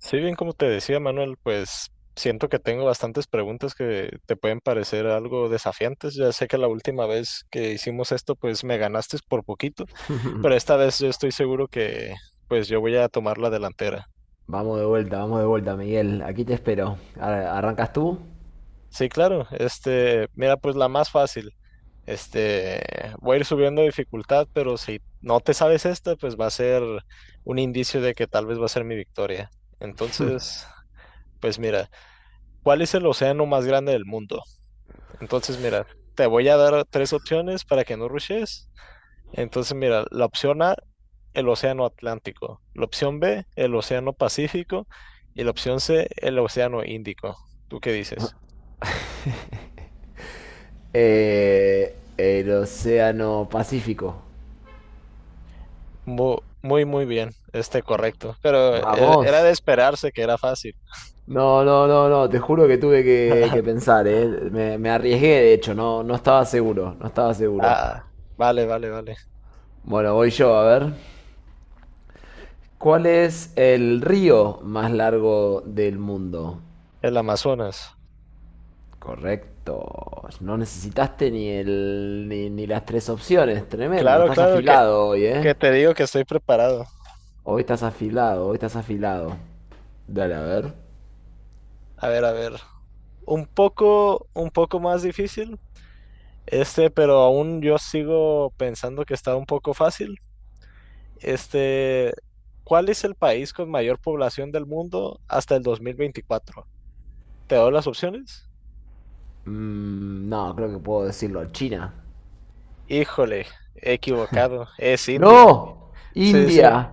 Sí, bien, como te decía Manuel, pues siento que tengo bastantes preguntas que te pueden parecer algo desafiantes. Ya sé que la última vez que hicimos esto, pues me ganaste por poquito, pero esta vez yo estoy seguro que pues yo voy a tomar la delantera. Vamos de vuelta, Miguel. Aquí te espero. ¿Arrancas tú? Sí, claro, mira, pues la más fácil. Este, voy a ir subiendo dificultad, pero si no te sabes esta, pues va a ser un indicio de que tal vez va a ser mi victoria. Entonces, pues mira, ¿cuál es el océano más grande del mundo? Entonces, mira, te voy a dar tres opciones para que no rushes. Entonces, mira, la opción A, el Océano Atlántico. La opción B, el Océano Pacífico. Y la opción C, el Océano Índico. ¿Tú qué dices? El Océano Pacífico. Muy, muy, muy bien. Correcto. Pero era de Vamos. esperarse que era fácil. No, no, no, no. Te juro que tuve que pensar, ¿eh? Me arriesgué, de hecho. No, no estaba seguro. No estaba seguro. Ah, vale, vale, vale. Bueno, voy yo, a ver. ¿Cuál es el río más largo del mundo? El Amazonas. Correcto. No necesitaste ni el, ni las tres opciones. Tremendo. Claro, Estás claro que, afilado hoy, ¿eh? que te digo que estoy preparado. Hoy estás afilado, hoy estás afilado. Dale, a ver. A ver, a ver. Un poco más difícil. Pero aún yo sigo pensando que está un poco fácil. Este, ¿Cuál es el país con mayor población del mundo hasta el 2024? ¿Te doy las opciones? No, creo que puedo decirlo. China. Híjole, equivocado, es India. ¡No! Sí, sí. India.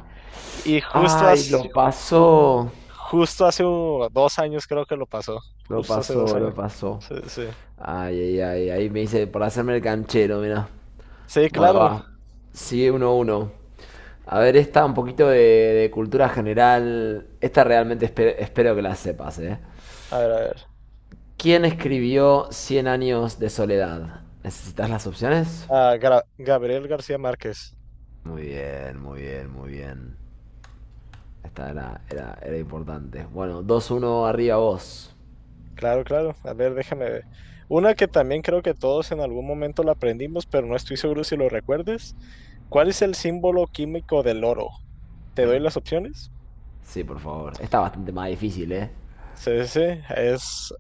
Y justo Ay, hace, lo ju- pasó. justo hace 2 años creo que lo pasó. Lo Justo hace dos pasó, años. lo pasó. Sí, sí. Ay, ay, ay. Ahí me dice, por hacerme el canchero, mira. Sí, Bueno, claro. va. Sigue 1 uno. A ver, esta un poquito de cultura general. Esta realmente espero que la sepas, ¿eh? A ver, a ver. ¿Quién escribió Cien años de soledad? ¿Necesitas las opciones? Ah, Gabriel García Márquez. Muy bien, muy bien, muy bien. Esta era importante. Bueno, 2-1 arriba vos. Claro, claro. A ver, déjame ver. Una que también creo que todos en algún momento la aprendimos, pero no estoy seguro si lo recuerdes. ¿Cuál es el símbolo químico del oro? Te doy las opciones. Sí, por favor. Está bastante más difícil, ¿eh? C, C. es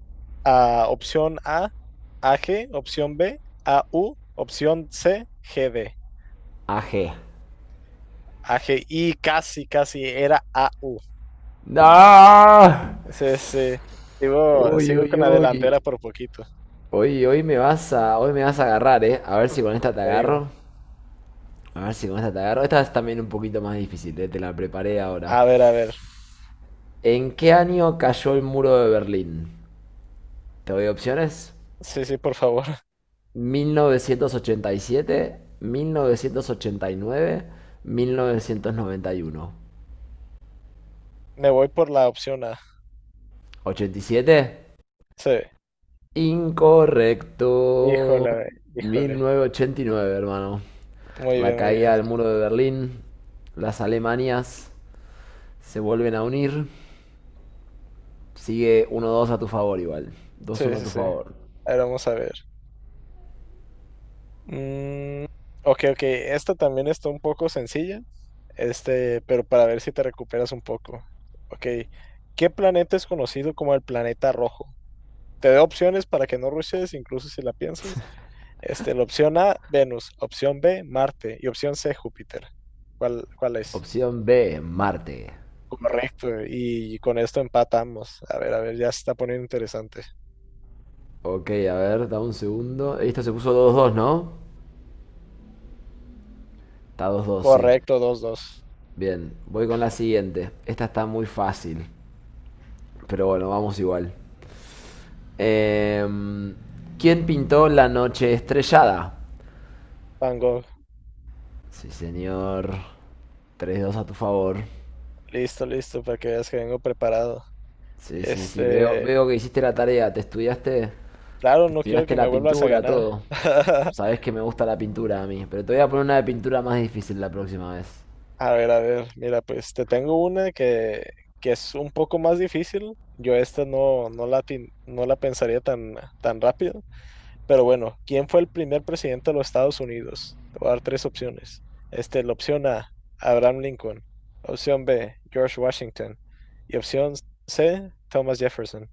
Opción A, AG, opción B, AU, opción C, GD. AG. AG, y casi, casi era AU. ¡No! AU. CC. Sigo, Uy, sigo con uy, la uy. delantera por poquito, Hoy me vas a agarrar, ¿eh? A ver si con esta te te digo. agarro. A ver si con esta te agarro. Esta es también un poquito más difícil, ¿eh? Te la preparé ahora. A ver, a ver. ¿En qué año cayó el muro de Berlín? ¿Te doy opciones? Sí, sí, por favor. 1987, 1989, 1991. Me voy por la opción A. 87. Sí. Incorrecto. Híjole, híjole. 1989, hermano. Muy La bien, muy bien. caída del muro de Berlín. Las Alemanias se vuelven a unir. Sigue 1-2 a tu favor igual. Sí, 2-1 a sí, tu sí. favor. Ahora vamos a ver. Mm, ok, ok. Esta también está un poco sencilla. Pero para ver si te recuperas un poco. Ok. ¿Qué planeta es conocido como el planeta rojo? Te doy opciones para que no rushes, incluso si la piensas. La opción A, Venus. Opción B, Marte. Y opción C, Júpiter. ¿Cuál es? Opción B, Marte. Correcto. Y con esto empatamos. A ver, ya se está poniendo interesante. Ok, a ver, da un segundo. Esto se puso 2-2, ¿no? Está 2-2, sí. Correcto, 2-2. Bien, voy con la siguiente. Esta está muy fácil, pero bueno, vamos igual. Em, ¿Quién pintó la noche estrellada? Van Gogh, Sí, señor. 3-2 a tu favor. listo, listo, para que veas que vengo preparado. Sí, sí, sí, veo, Este, veo que hiciste la tarea, claro, te no quiero estudiaste que me la vuelvas a pintura, ganar. todo. Sabes que me gusta la pintura a mí, pero te voy a poner una de pintura más difícil la próxima vez. A ver, mira, pues te tengo una que es un poco más difícil. Yo esta no, no la, no la pensaría tan, tan rápido. Pero bueno, ¿quién fue el primer presidente de los Estados Unidos? Te voy a dar tres opciones. La opción A, Abraham Lincoln. Opción B, George Washington. Y opción C, Thomas Jefferson.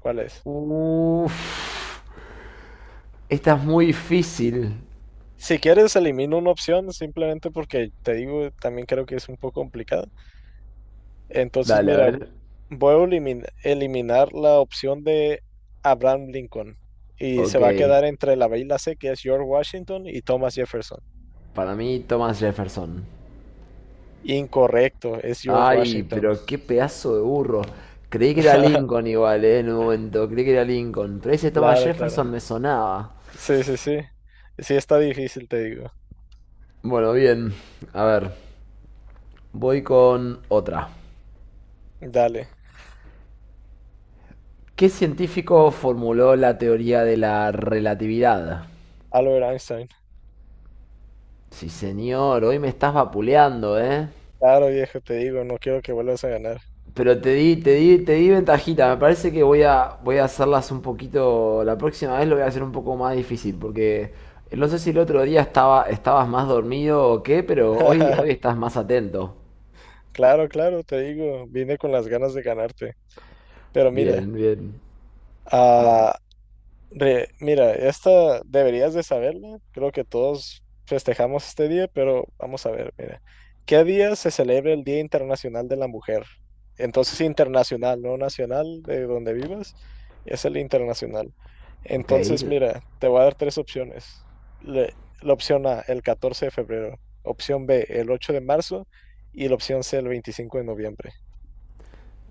¿Cuál es? Uff, esta es muy difícil. Si quieres, elimino una opción simplemente porque te digo, también creo que es un poco complicado. Entonces, Dale, a mira, ver. voy a eliminar la opción de Abraham Lincoln y se Ok. va a quedar entre la B y la C, que es George Washington y Thomas Jefferson. Para mí, Thomas Jefferson. Incorrecto, es George Ay, Washington. pero qué pedazo de burro. Creí que era Lincoln igual, en un momento. Creí que era Lincoln. Pero ese Thomas Claro, claro. Jefferson me sonaba. Sí, sí, sí. Sí, está difícil, te digo. Bueno, bien. A ver, voy con otra. Dale, ¿Qué científico formuló la teoría de la relatividad? Albert Einstein. Sí, señor, hoy me estás vapuleando, ¿eh? Claro, viejo, te digo, no quiero que vuelvas a ganar. Pero te di ventajita. Me parece que voy a hacerlas un poquito. La próxima vez lo voy a hacer un poco más difícil. Porque no sé si el otro día estabas más dormido o qué, pero hoy estás más atento. Claro, claro, te digo, vine con las ganas de ganarte. Pero mira, Bien, bien. ah, mira, esta deberías de saberla. Creo que todos festejamos este día, pero vamos a ver, mira. ¿Qué día se celebra el Día Internacional de la Mujer? Entonces, internacional, no nacional, de donde vivas, es el internacional. Ok, Entonces, mira, te voy a dar tres opciones. Le- la opción A, el 14 de febrero. Opción B, el 8 de marzo. Y la opción C, el 25 de noviembre.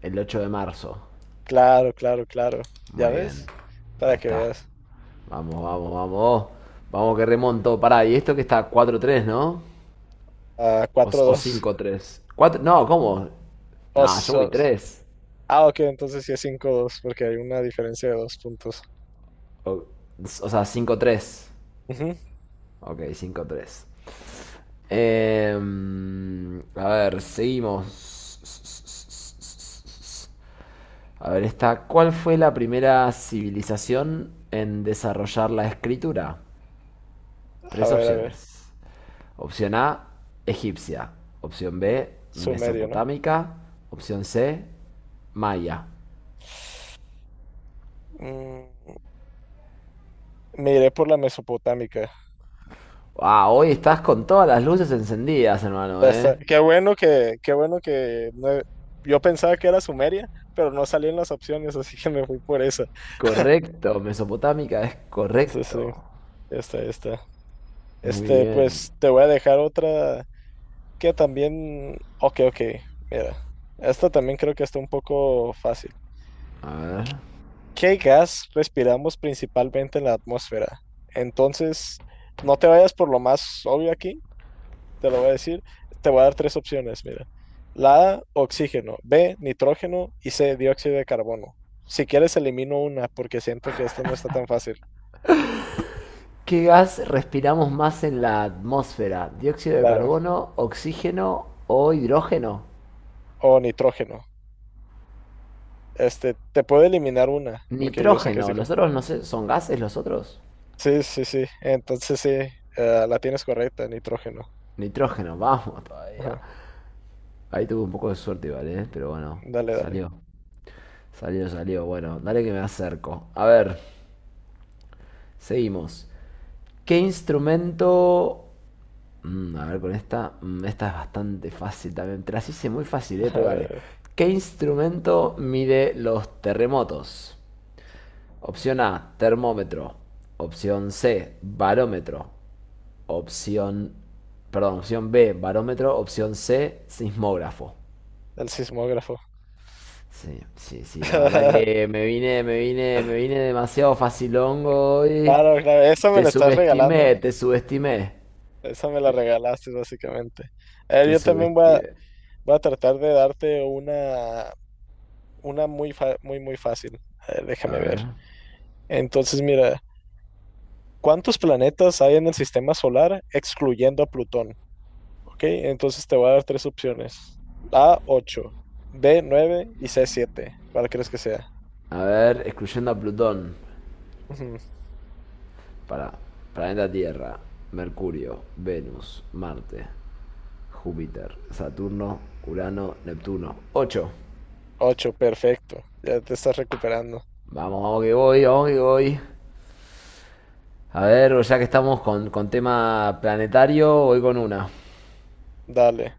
el 8 de marzo. Claro, claro, claro. ¿Ya Muy bien. ves? Para Ahí que está. veas. Vamos, vamos, vamos. Vamos que remonto. Pará, y esto que está 4-3, ¿no? Ah, O, cuatro o dos 5-3. No, ¿cómo? No, Os, yo voy os. tres. Ah, ok, entonces sí es 5-2 porque hay una diferencia de 2 puntos. O, o sea, 5-3. Ujú. Ok, 5-3. A ver, seguimos. A ver, esta. ¿Cuál fue la primera civilización en desarrollar la escritura? A Tres ver, a ver. opciones. Opción A, egipcia. Opción B, Sumerio, ¿no? mesopotámica. Opción C, maya. Mm, me iré por la mesopotámica. Ah, hoy estás con todas las luces encendidas, hermano, Ya ¿eh? está. Qué bueno que no- Yo pensaba que era Sumeria, pero no salían las opciones, así que me fui por esa. Correcto, mesopotámica es Sí, sí, correcto. ya está, ya está. Muy bien. Pues te voy a dejar otra que también. Ok, ok, mira. Esta también creo que está un poco fácil. A ver. ¿Qué gas respiramos principalmente en la atmósfera? Entonces, no te vayas por lo más obvio aquí, te lo voy a decir. Te voy a dar tres opciones, mira. La A, oxígeno, B, nitrógeno y C, dióxido de carbono. Si quieres, elimino una porque siento que esta no está tan fácil. ¿Qué gas respiramos más en la atmósfera? ¿Dióxido de Claro, carbono, oxígeno o hidrógeno? o nitrógeno. Te puedo eliminar una porque yo sé que es Nitrógeno. Los difícil. otros no sé, ¿son gases los otros? Sí, sí, sí. Entonces, sí, la tienes correcta, nitrógeno. Nitrógeno, vamos todavía. Ajá. Ahí tuve un poco de suerte vale, ¿eh? Pero bueno, Dale, dale. salió. Salió, salió. Bueno, dale que me acerco. A ver, seguimos. ¿Qué instrumento... A ver con esta. Esta es bastante fácil también. Te las hice muy fácil, ¿eh? A Pero dale. ver, ¿Qué instrumento mide los terremotos? Opción A, termómetro. Opción C, barómetro. Opción, perdón, opción B, barómetro. Opción C, sismógrafo. el sismógrafo. Sí, sí, sí, la verdad que me vine demasiado facilongo hoy. Claro, claro, eso me Te la estás regalando, subestimé, te subestimé. eso me la Te, regalaste básicamente. A ver, te yo también voy a, subestimé. voy a tratar de darte una muy, muy fácil. A ver, A déjame ver. ver. Entonces, mira, ¿cuántos planetas hay en el sistema solar excluyendo a Plutón? ¿Ok? Entonces te voy a dar tres opciones. A, 8, B, 9 y C, 7. ¿Cuál crees que sea? A ver, excluyendo a Plutón. Ujú, Para planeta Tierra, Mercurio, Venus, Marte, Júpiter, Saturno, Urano, Neptuno. 8. 8, perfecto, ya te estás recuperando. Vamos, vamos que voy, vamos que voy. A ver, ya que estamos con tema planetario, voy con una. Dale,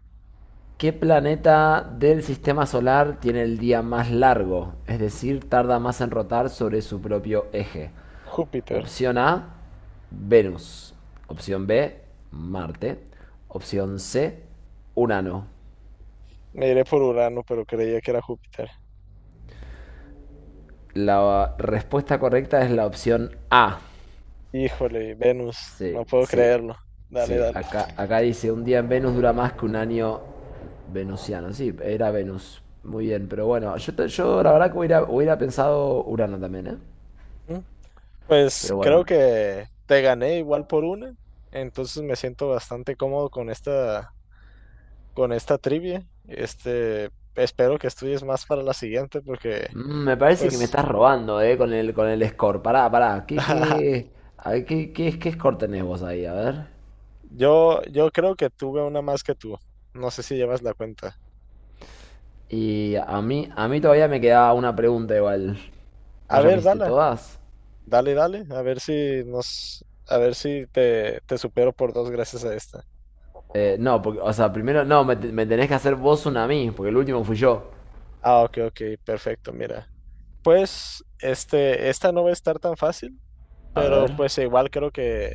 ¿Qué planeta del sistema solar tiene el día más largo? Es decir, tarda más en rotar sobre su propio eje. Júpiter. Opción A, Venus. Opción B, Marte. Opción C, Urano. Me iré por Urano, pero creía que era Júpiter. La respuesta correcta es la opción A. Híjole, Venus, Sí, no puedo Sí, creerlo. Dale, sí. dale. Acá dice, un día en Venus dura más que un año venusiano. Sí, era Venus. Muy bien, pero bueno, yo la verdad que hubiera pensado Urano también, ¿eh? Ujú. Pues Pero creo bueno. que te gané igual por una, entonces me siento bastante cómodo con esta, trivia. Espero que estudies más para la siguiente porque, Me parece que me pues, estás robando, ¿eh? Con el score. Pará, pará. ¿Qué, qué, a ver, qué score tenés vos ahí? A ver. yo creo que tuve una más que tú. No sé si llevas la cuenta. Y a mí todavía me quedaba una pregunta igual. A ¿Vos ya me ver, hiciste dale, todas? dale, dale, a ver si te, te supero por dos gracias a esta. No, porque, o sea, primero, no, me tenés que hacer vos una a mí, porque el último fui yo. Ah, ok, ok, perfecto, mira. Pues esta no va a estar tan fácil, A pero ver. pues igual creo que,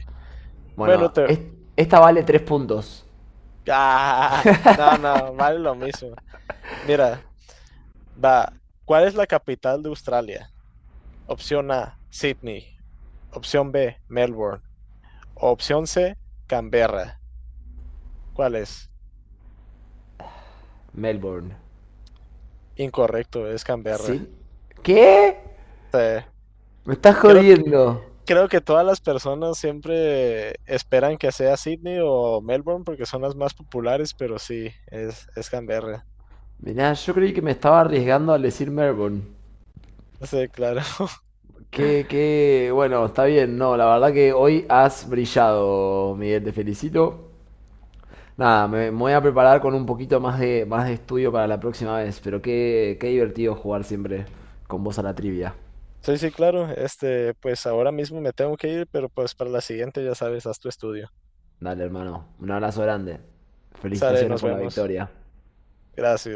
bueno, Bueno, te... esta vale tres puntos. Ah, no, no, vale lo mismo. Mira, va. ¿Cuál es la capital de Australia? Opción A, Sydney. Opción B, Melbourne. Opción C, Canberra. ¿Cuál es? Melbourne. Incorrecto, es Canberra. ¿Sí? ¿Qué? Te- Me estás Creo que, jodiendo. creo que todas las personas siempre esperan que sea Sydney o Melbourne porque son las más populares, pero sí, es Canberra. Mirá, yo creí que me estaba arriesgando al decir Melbourne. Sí, claro. Bueno, está bien, no, la verdad que hoy has brillado, Miguel, te felicito. Nada, me voy a preparar con un poquito más de estudio para la próxima vez, pero qué divertido jugar siempre con vos a la trivia. Sí, sí, claro. Pues ahora mismo me tengo que ir, pero pues para la siguiente ya sabes, haz tu estudio. Dale, hermano. Un abrazo grande. Sale, Felicitaciones nos por la vemos. victoria. Gracias.